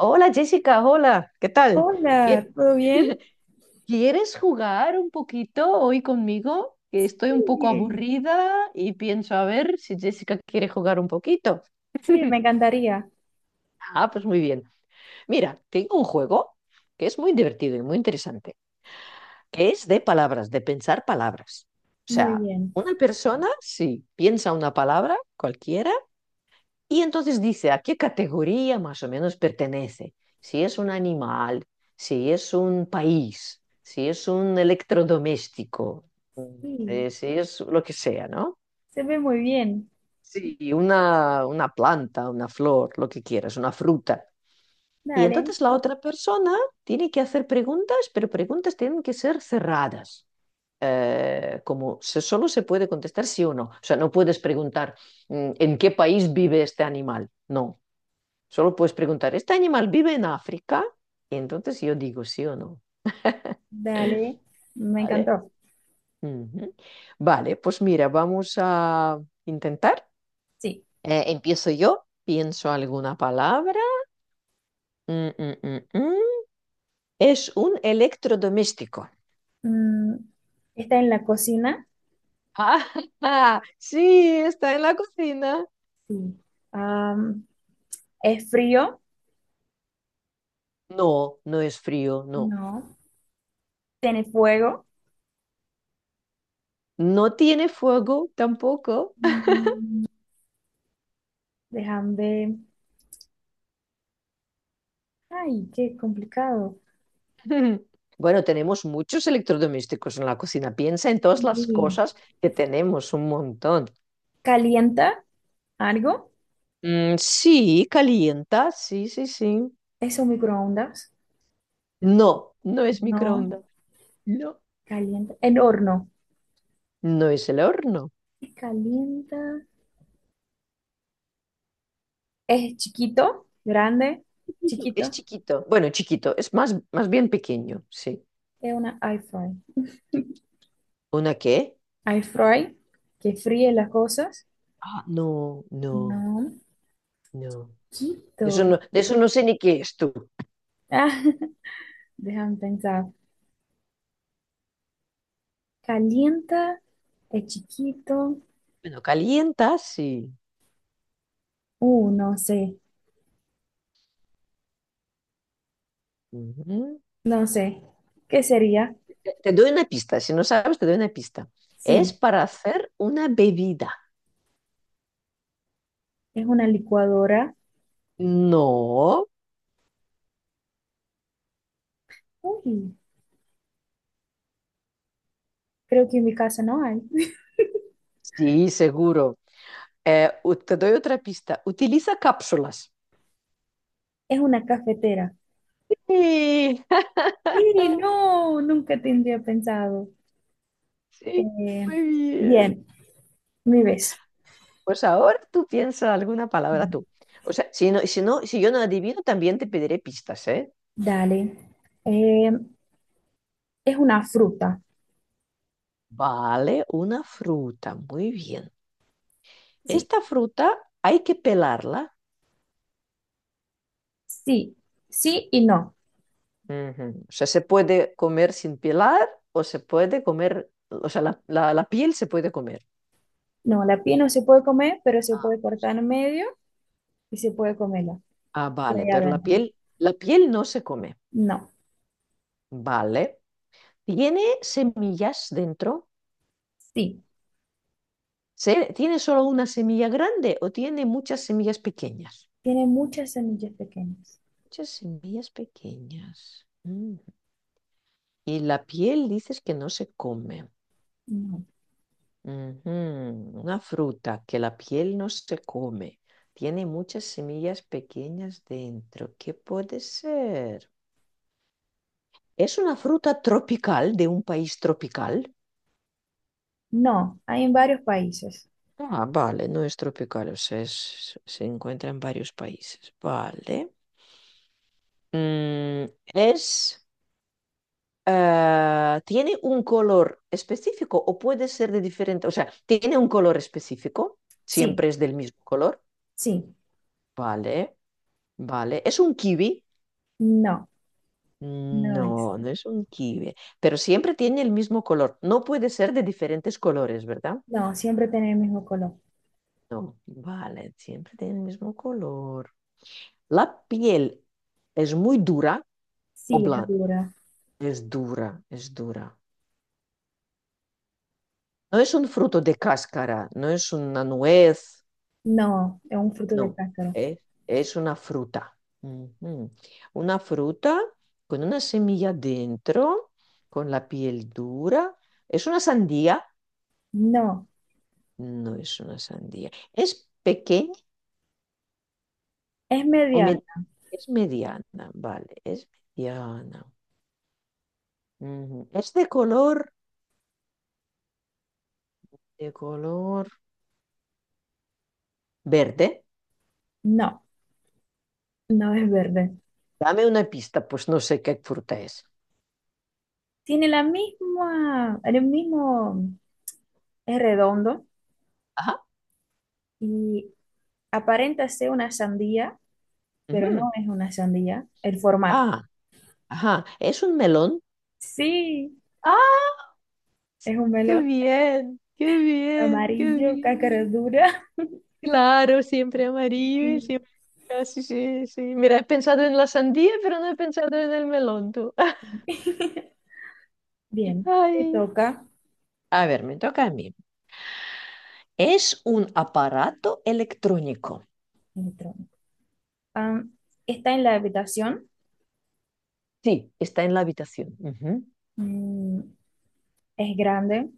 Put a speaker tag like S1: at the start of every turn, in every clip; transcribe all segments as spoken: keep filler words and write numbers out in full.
S1: Hola Jessica, hola, ¿qué tal?
S2: Hola,
S1: ¿Qué?
S2: ¿todo bien?
S1: ¿Quieres jugar un poquito hoy conmigo? Que estoy un poco
S2: Bien.
S1: aburrida y pienso a ver si Jessica quiere jugar un poquito.
S2: Sí, me encantaría.
S1: Ah, pues muy bien. Mira, tengo un juego que es muy divertido y muy interesante, que es de palabras, de pensar palabras. O
S2: Muy
S1: sea,
S2: bien.
S1: una persona, si piensa una palabra cualquiera, y entonces dice a qué categoría más o menos pertenece. Si es un animal, si es un país, si es un electrodoméstico, mm,
S2: Sí,
S1: eh, si es lo que sea, ¿no?
S2: se ve muy bien.
S1: Sí, una, una planta, una flor, lo que quieras, una fruta. Y
S2: Dale,
S1: entonces la otra persona tiene que hacer preguntas, pero preguntas tienen que ser cerradas. Eh, como se- solo se puede contestar sí o no. O sea, no puedes preguntar mm, en qué país vive este animal. No, solo puedes preguntar, ¿este animal vive en África? Y entonces yo digo sí o no.
S2: dale. Me
S1: ¿Vale?
S2: encantó.
S1: Ujú. Vale, pues mira, vamos a intentar.
S2: Sí.
S1: Eh, empiezo yo, pienso alguna palabra. Mm, mm, mm, mm. Es un electrodoméstico.
S2: Mm, Está en la cocina.
S1: Ah, sí, está en la cocina.
S2: Sí. Am, ¿Es frío?
S1: No, no es frío, no.
S2: No. ¿Tiene fuego?
S1: No tiene fuego tampoco.
S2: Mm, Déjame ver. Ay, qué complicado.
S1: Bueno, tenemos muchos electrodomésticos en la cocina. Piensa en todas las
S2: Sí.
S1: cosas que tenemos, un montón.
S2: ¿Calienta algo?
S1: Mm, sí, calienta, sí, sí, sí.
S2: ¿Es un microondas?
S1: No, no es
S2: No.
S1: microondas. No,
S2: ¿Calienta? ¿El horno?
S1: no es el horno.
S2: Sí, ¿calienta? Es chiquito, grande,
S1: Chiquito, es
S2: chiquito.
S1: chiquito. Bueno, chiquito, es más, más bien pequeño, sí.
S2: Es una air fry.
S1: ¿Una qué?
S2: Air fry que fríe las cosas.
S1: Ah, no, no,
S2: No,
S1: no. Eso
S2: chiquito.
S1: no, de eso no sé ni qué es tú.
S2: Ah, déjame pensar. Calienta, es chiquito.
S1: Bueno, calienta, sí.
S2: Uh, no sé,
S1: Ujú.
S2: no sé. ¿Qué sería?
S1: Te te doy una pista, si no sabes, te doy una pista. Es
S2: Sí,
S1: para hacer una bebida.
S2: es una licuadora.
S1: No,
S2: Uy, creo que en mi casa no hay.
S1: sí, seguro. Eh, u- te doy otra pista. Utiliza cápsulas.
S2: Es una cafetera.
S1: Sí,
S2: Sí, no, nunca tendría pensado.
S1: sí,
S2: Eh,
S1: muy bien.
S2: Bien, mi vez.
S1: Pues ahora tú piensa alguna palabra tú. O sea, si no, si no, si yo no adivino, también te pediré pistas, ¿eh?
S2: Dale. Eh, Es una fruta.
S1: Vale, una fruta. Muy bien.
S2: Sí,
S1: Esta fruta hay que pelarla.
S2: sí, sí y no.
S1: Ujú. O sea, se puede comer sin pelar o se puede comer, o sea, la, la- la piel se puede comer.
S2: No, la piel no se puede comer, pero se
S1: Ah,
S2: puede cortar en medio y se puede comerla.
S1: ah,
S2: ¿Y
S1: vale,
S2: hay
S1: pero la
S2: adentro?
S1: piel, la piel no se come.
S2: No,
S1: Vale. ¿Tiene semillas dentro?
S2: sí.
S1: ¿Se- ¿Tiene solo una semilla grande o tiene muchas semillas pequeñas?
S2: Tiene muchas semillas pequeñas.
S1: Muchas semillas pequeñas. Mm. Y la piel dices que no se come.
S2: No,
S1: Ujú, una fruta que la piel no se come. Tiene muchas semillas pequeñas dentro. ¿Qué puede ser? ¿Es una fruta tropical de un país tropical?
S2: no. Hay en varios países.
S1: Ah, vale, no es tropical, o sea, es- se encuentra en varios países. Vale. Mm, es, eh, ¿tiene un color específico o puede ser de diferente? O sea, ¿tiene un color específico?
S2: Sí,
S1: ¿Siempre es del mismo color?
S2: sí.
S1: Vale, vale. ¿Es un kiwi?
S2: No,
S1: Mm,
S2: no es.
S1: No, no es un kiwi, pero siempre tiene el mismo color. No puede ser de diferentes colores, ¿verdad?
S2: No, siempre tiene el mismo color.
S1: No, vale, siempre tiene el mismo color. La piel es muy dura o
S2: Sí, es
S1: blanda.
S2: dura.
S1: Es dura, es dura. No es un fruto de cáscara, no es una nuez,
S2: No, es un fruto de
S1: no,
S2: cáscara.
S1: es, es una fruta. Ujú. Una fruta con una semilla dentro, con la piel dura. Es una sandía.
S2: No,
S1: No es una sandía. ¿Es pequeña
S2: es
S1: o
S2: media.
S1: me- es mediana? Vale, es mediana. Ujú. Es de color, de color verde.
S2: No, no es verde.
S1: Dame una pista, pues no sé qué fruta es.
S2: Tiene la misma, el mismo, es redondo
S1: Ajá.
S2: y aparenta ser una sandía, pero
S1: Ujú.
S2: no es una sandía, el formato.
S1: Ah, ajá. ¿Es un melón?
S2: Sí,
S1: ¡Ah!
S2: es un
S1: ¡Qué
S2: melón
S1: bien! ¡Qué bien! ¡Qué
S2: amarillo,
S1: bien!
S2: cáscara dura.
S1: Claro, siempre amarillo,
S2: Y
S1: siempre... Ah, sí, sí, sí. Mira, he pensado en la sandía, pero no he pensado en el melón, tú.
S2: bien, te
S1: Ay.
S2: toca
S1: A ver, me toca a mí. Es un aparato electrónico.
S2: el tronco. Ah, está en la habitación,
S1: Sí, está en la habitación. Ujú.
S2: mm, es grande,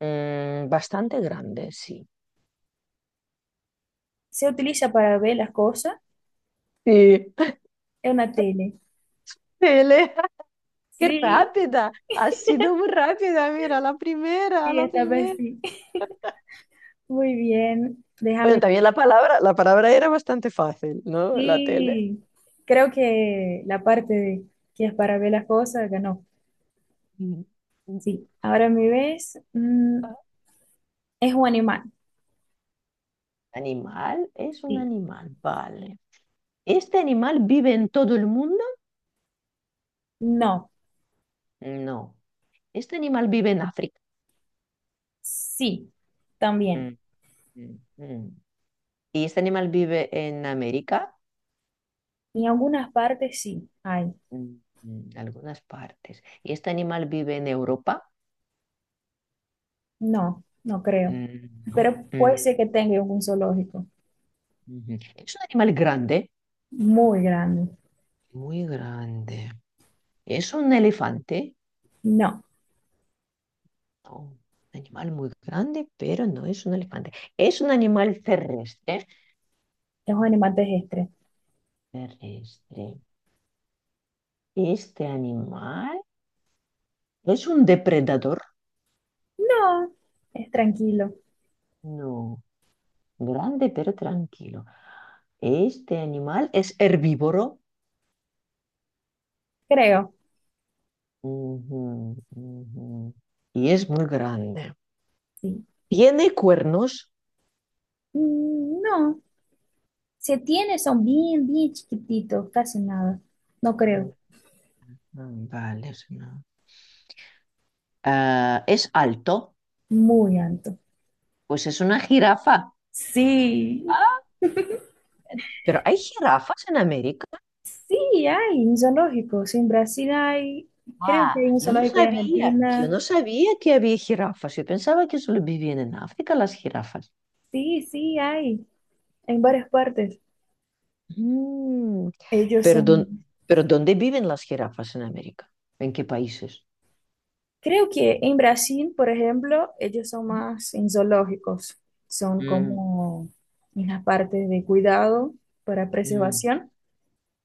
S1: Mm, bastante grande, sí.
S2: se utiliza para ver las cosas,
S1: Sí.
S2: es una tele.
S1: Elena, qué
S2: Sí,
S1: rápida. Ha sido muy rápida. Mira, la primera,
S2: sí,
S1: la
S2: esta vez
S1: primera.
S2: sí. Muy bien,
S1: Bueno,
S2: déjame.
S1: también la palabra, la palabra era bastante fácil, ¿no? La tele.
S2: Sí, creo que la parte de que es para ver las cosas ganó.
S1: Mm.
S2: Sí, ahora me ves. Mm, es un animal.
S1: Animal, es un
S2: Sí.
S1: animal, vale. ¿Este animal vive en todo el mundo?
S2: No.
S1: No. ¿Este animal vive en África?
S2: Sí.
S1: Mm,
S2: También.
S1: mm, mm. ¿Y este animal vive en América?
S2: En algunas partes sí hay.
S1: Mm, mm, algunas partes. ¿Y este animal vive en Europa?
S2: No, no creo.
S1: Mm, no.
S2: Pero puede
S1: Mm,
S2: ser que tenga un zoológico
S1: ujú. Es un animal grande,
S2: muy grande.
S1: muy grande. ¿Es un elefante?
S2: No.
S1: No, un animal muy grande, pero no es un elefante. ¿Es un animal terrestre?
S2: Es un animal terrestre.
S1: Terrestre. ¿Este animal es un depredador?
S2: No. Es tranquilo.
S1: No, grande, pero tranquilo. ¿Este animal es herbívoro?
S2: Creo.
S1: Ujú, ujú. Y es muy grande.
S2: Sí.
S1: ¿Tiene cuernos?
S2: Mm, no. Se tiene, son bien, bien chiquititos, casi nada. No
S1: Mm,
S2: creo.
S1: mm, Vale, es una... Ah, es alto,
S2: Muy alto.
S1: pues es una jirafa.
S2: Sí.
S1: ¿Pero hay jirafas en América?
S2: Sí, hay un zoológico. Sí, en Brasil hay, creo que
S1: Ah,
S2: hay un
S1: yo no
S2: zoológico en
S1: sabía, yo
S2: Argentina.
S1: no sabía que había jirafas. Yo pensaba que solo vivían en África las jirafas.
S2: Sí, sí, hay, en varias partes.
S1: Mm,
S2: Ellos
S1: pero, dón-
S2: son,
S1: pero ¿dónde viven las jirafas en América? ¿En qué países?
S2: creo que en Brasil, por ejemplo, ellos son más en zoológicos. Son
S1: Mm,
S2: como en las partes de cuidado para
S1: mm,
S2: preservación.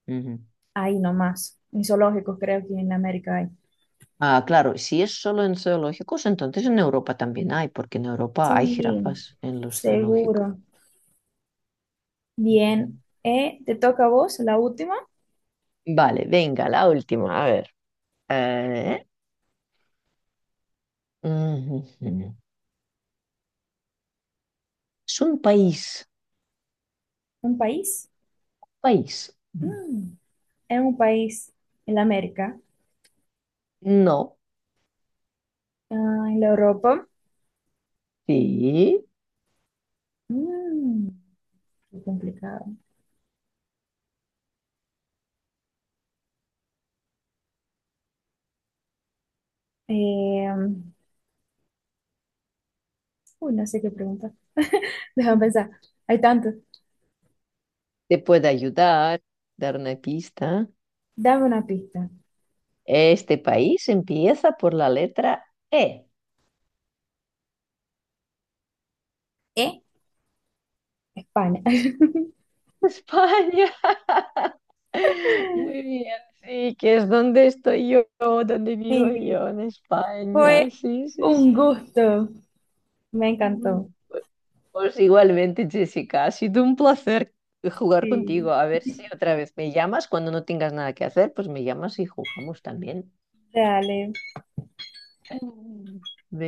S1: ujú.
S2: Ahí nomás, en zoológicos creo que en América hay.
S1: Ah, claro, si es solo en zoológicos, entonces en Europa también hay, porque en Europa hay
S2: Sí,
S1: jirafas en los zoológicos.
S2: seguro.
S1: Ujú.
S2: Bien. Eh, ¿te toca a vos la última?
S1: Vale, venga, la última, a ver. Eh, ujú. Es un país,
S2: ¿Un país?
S1: país.
S2: Mm. ¿En un país en América?
S1: No,
S2: Ah, en la Europa.
S1: sí,
S2: Mm, qué complicado. Eh, Uy, no sé qué pregunta. Déjame pensar. Hay tanto.
S1: te puede ayudar, dar una pista.
S2: Dame una pista.
S1: Este país empieza por la letra E.
S2: ¿Eh? España.
S1: España. Muy bien, sí, que es donde estoy yo, donde vivo
S2: Sí,
S1: yo, en España.
S2: fue
S1: Sí, sí,
S2: un gusto. Me encantó.
S1: sí. Pues igualmente, Jessica, ha sido un placer jugar
S2: Sí.
S1: contigo. A ver si otra vez me llamas cuando no tengas nada que hacer, pues me llamas y jugamos también.
S2: Dale.
S1: Mm. Venga.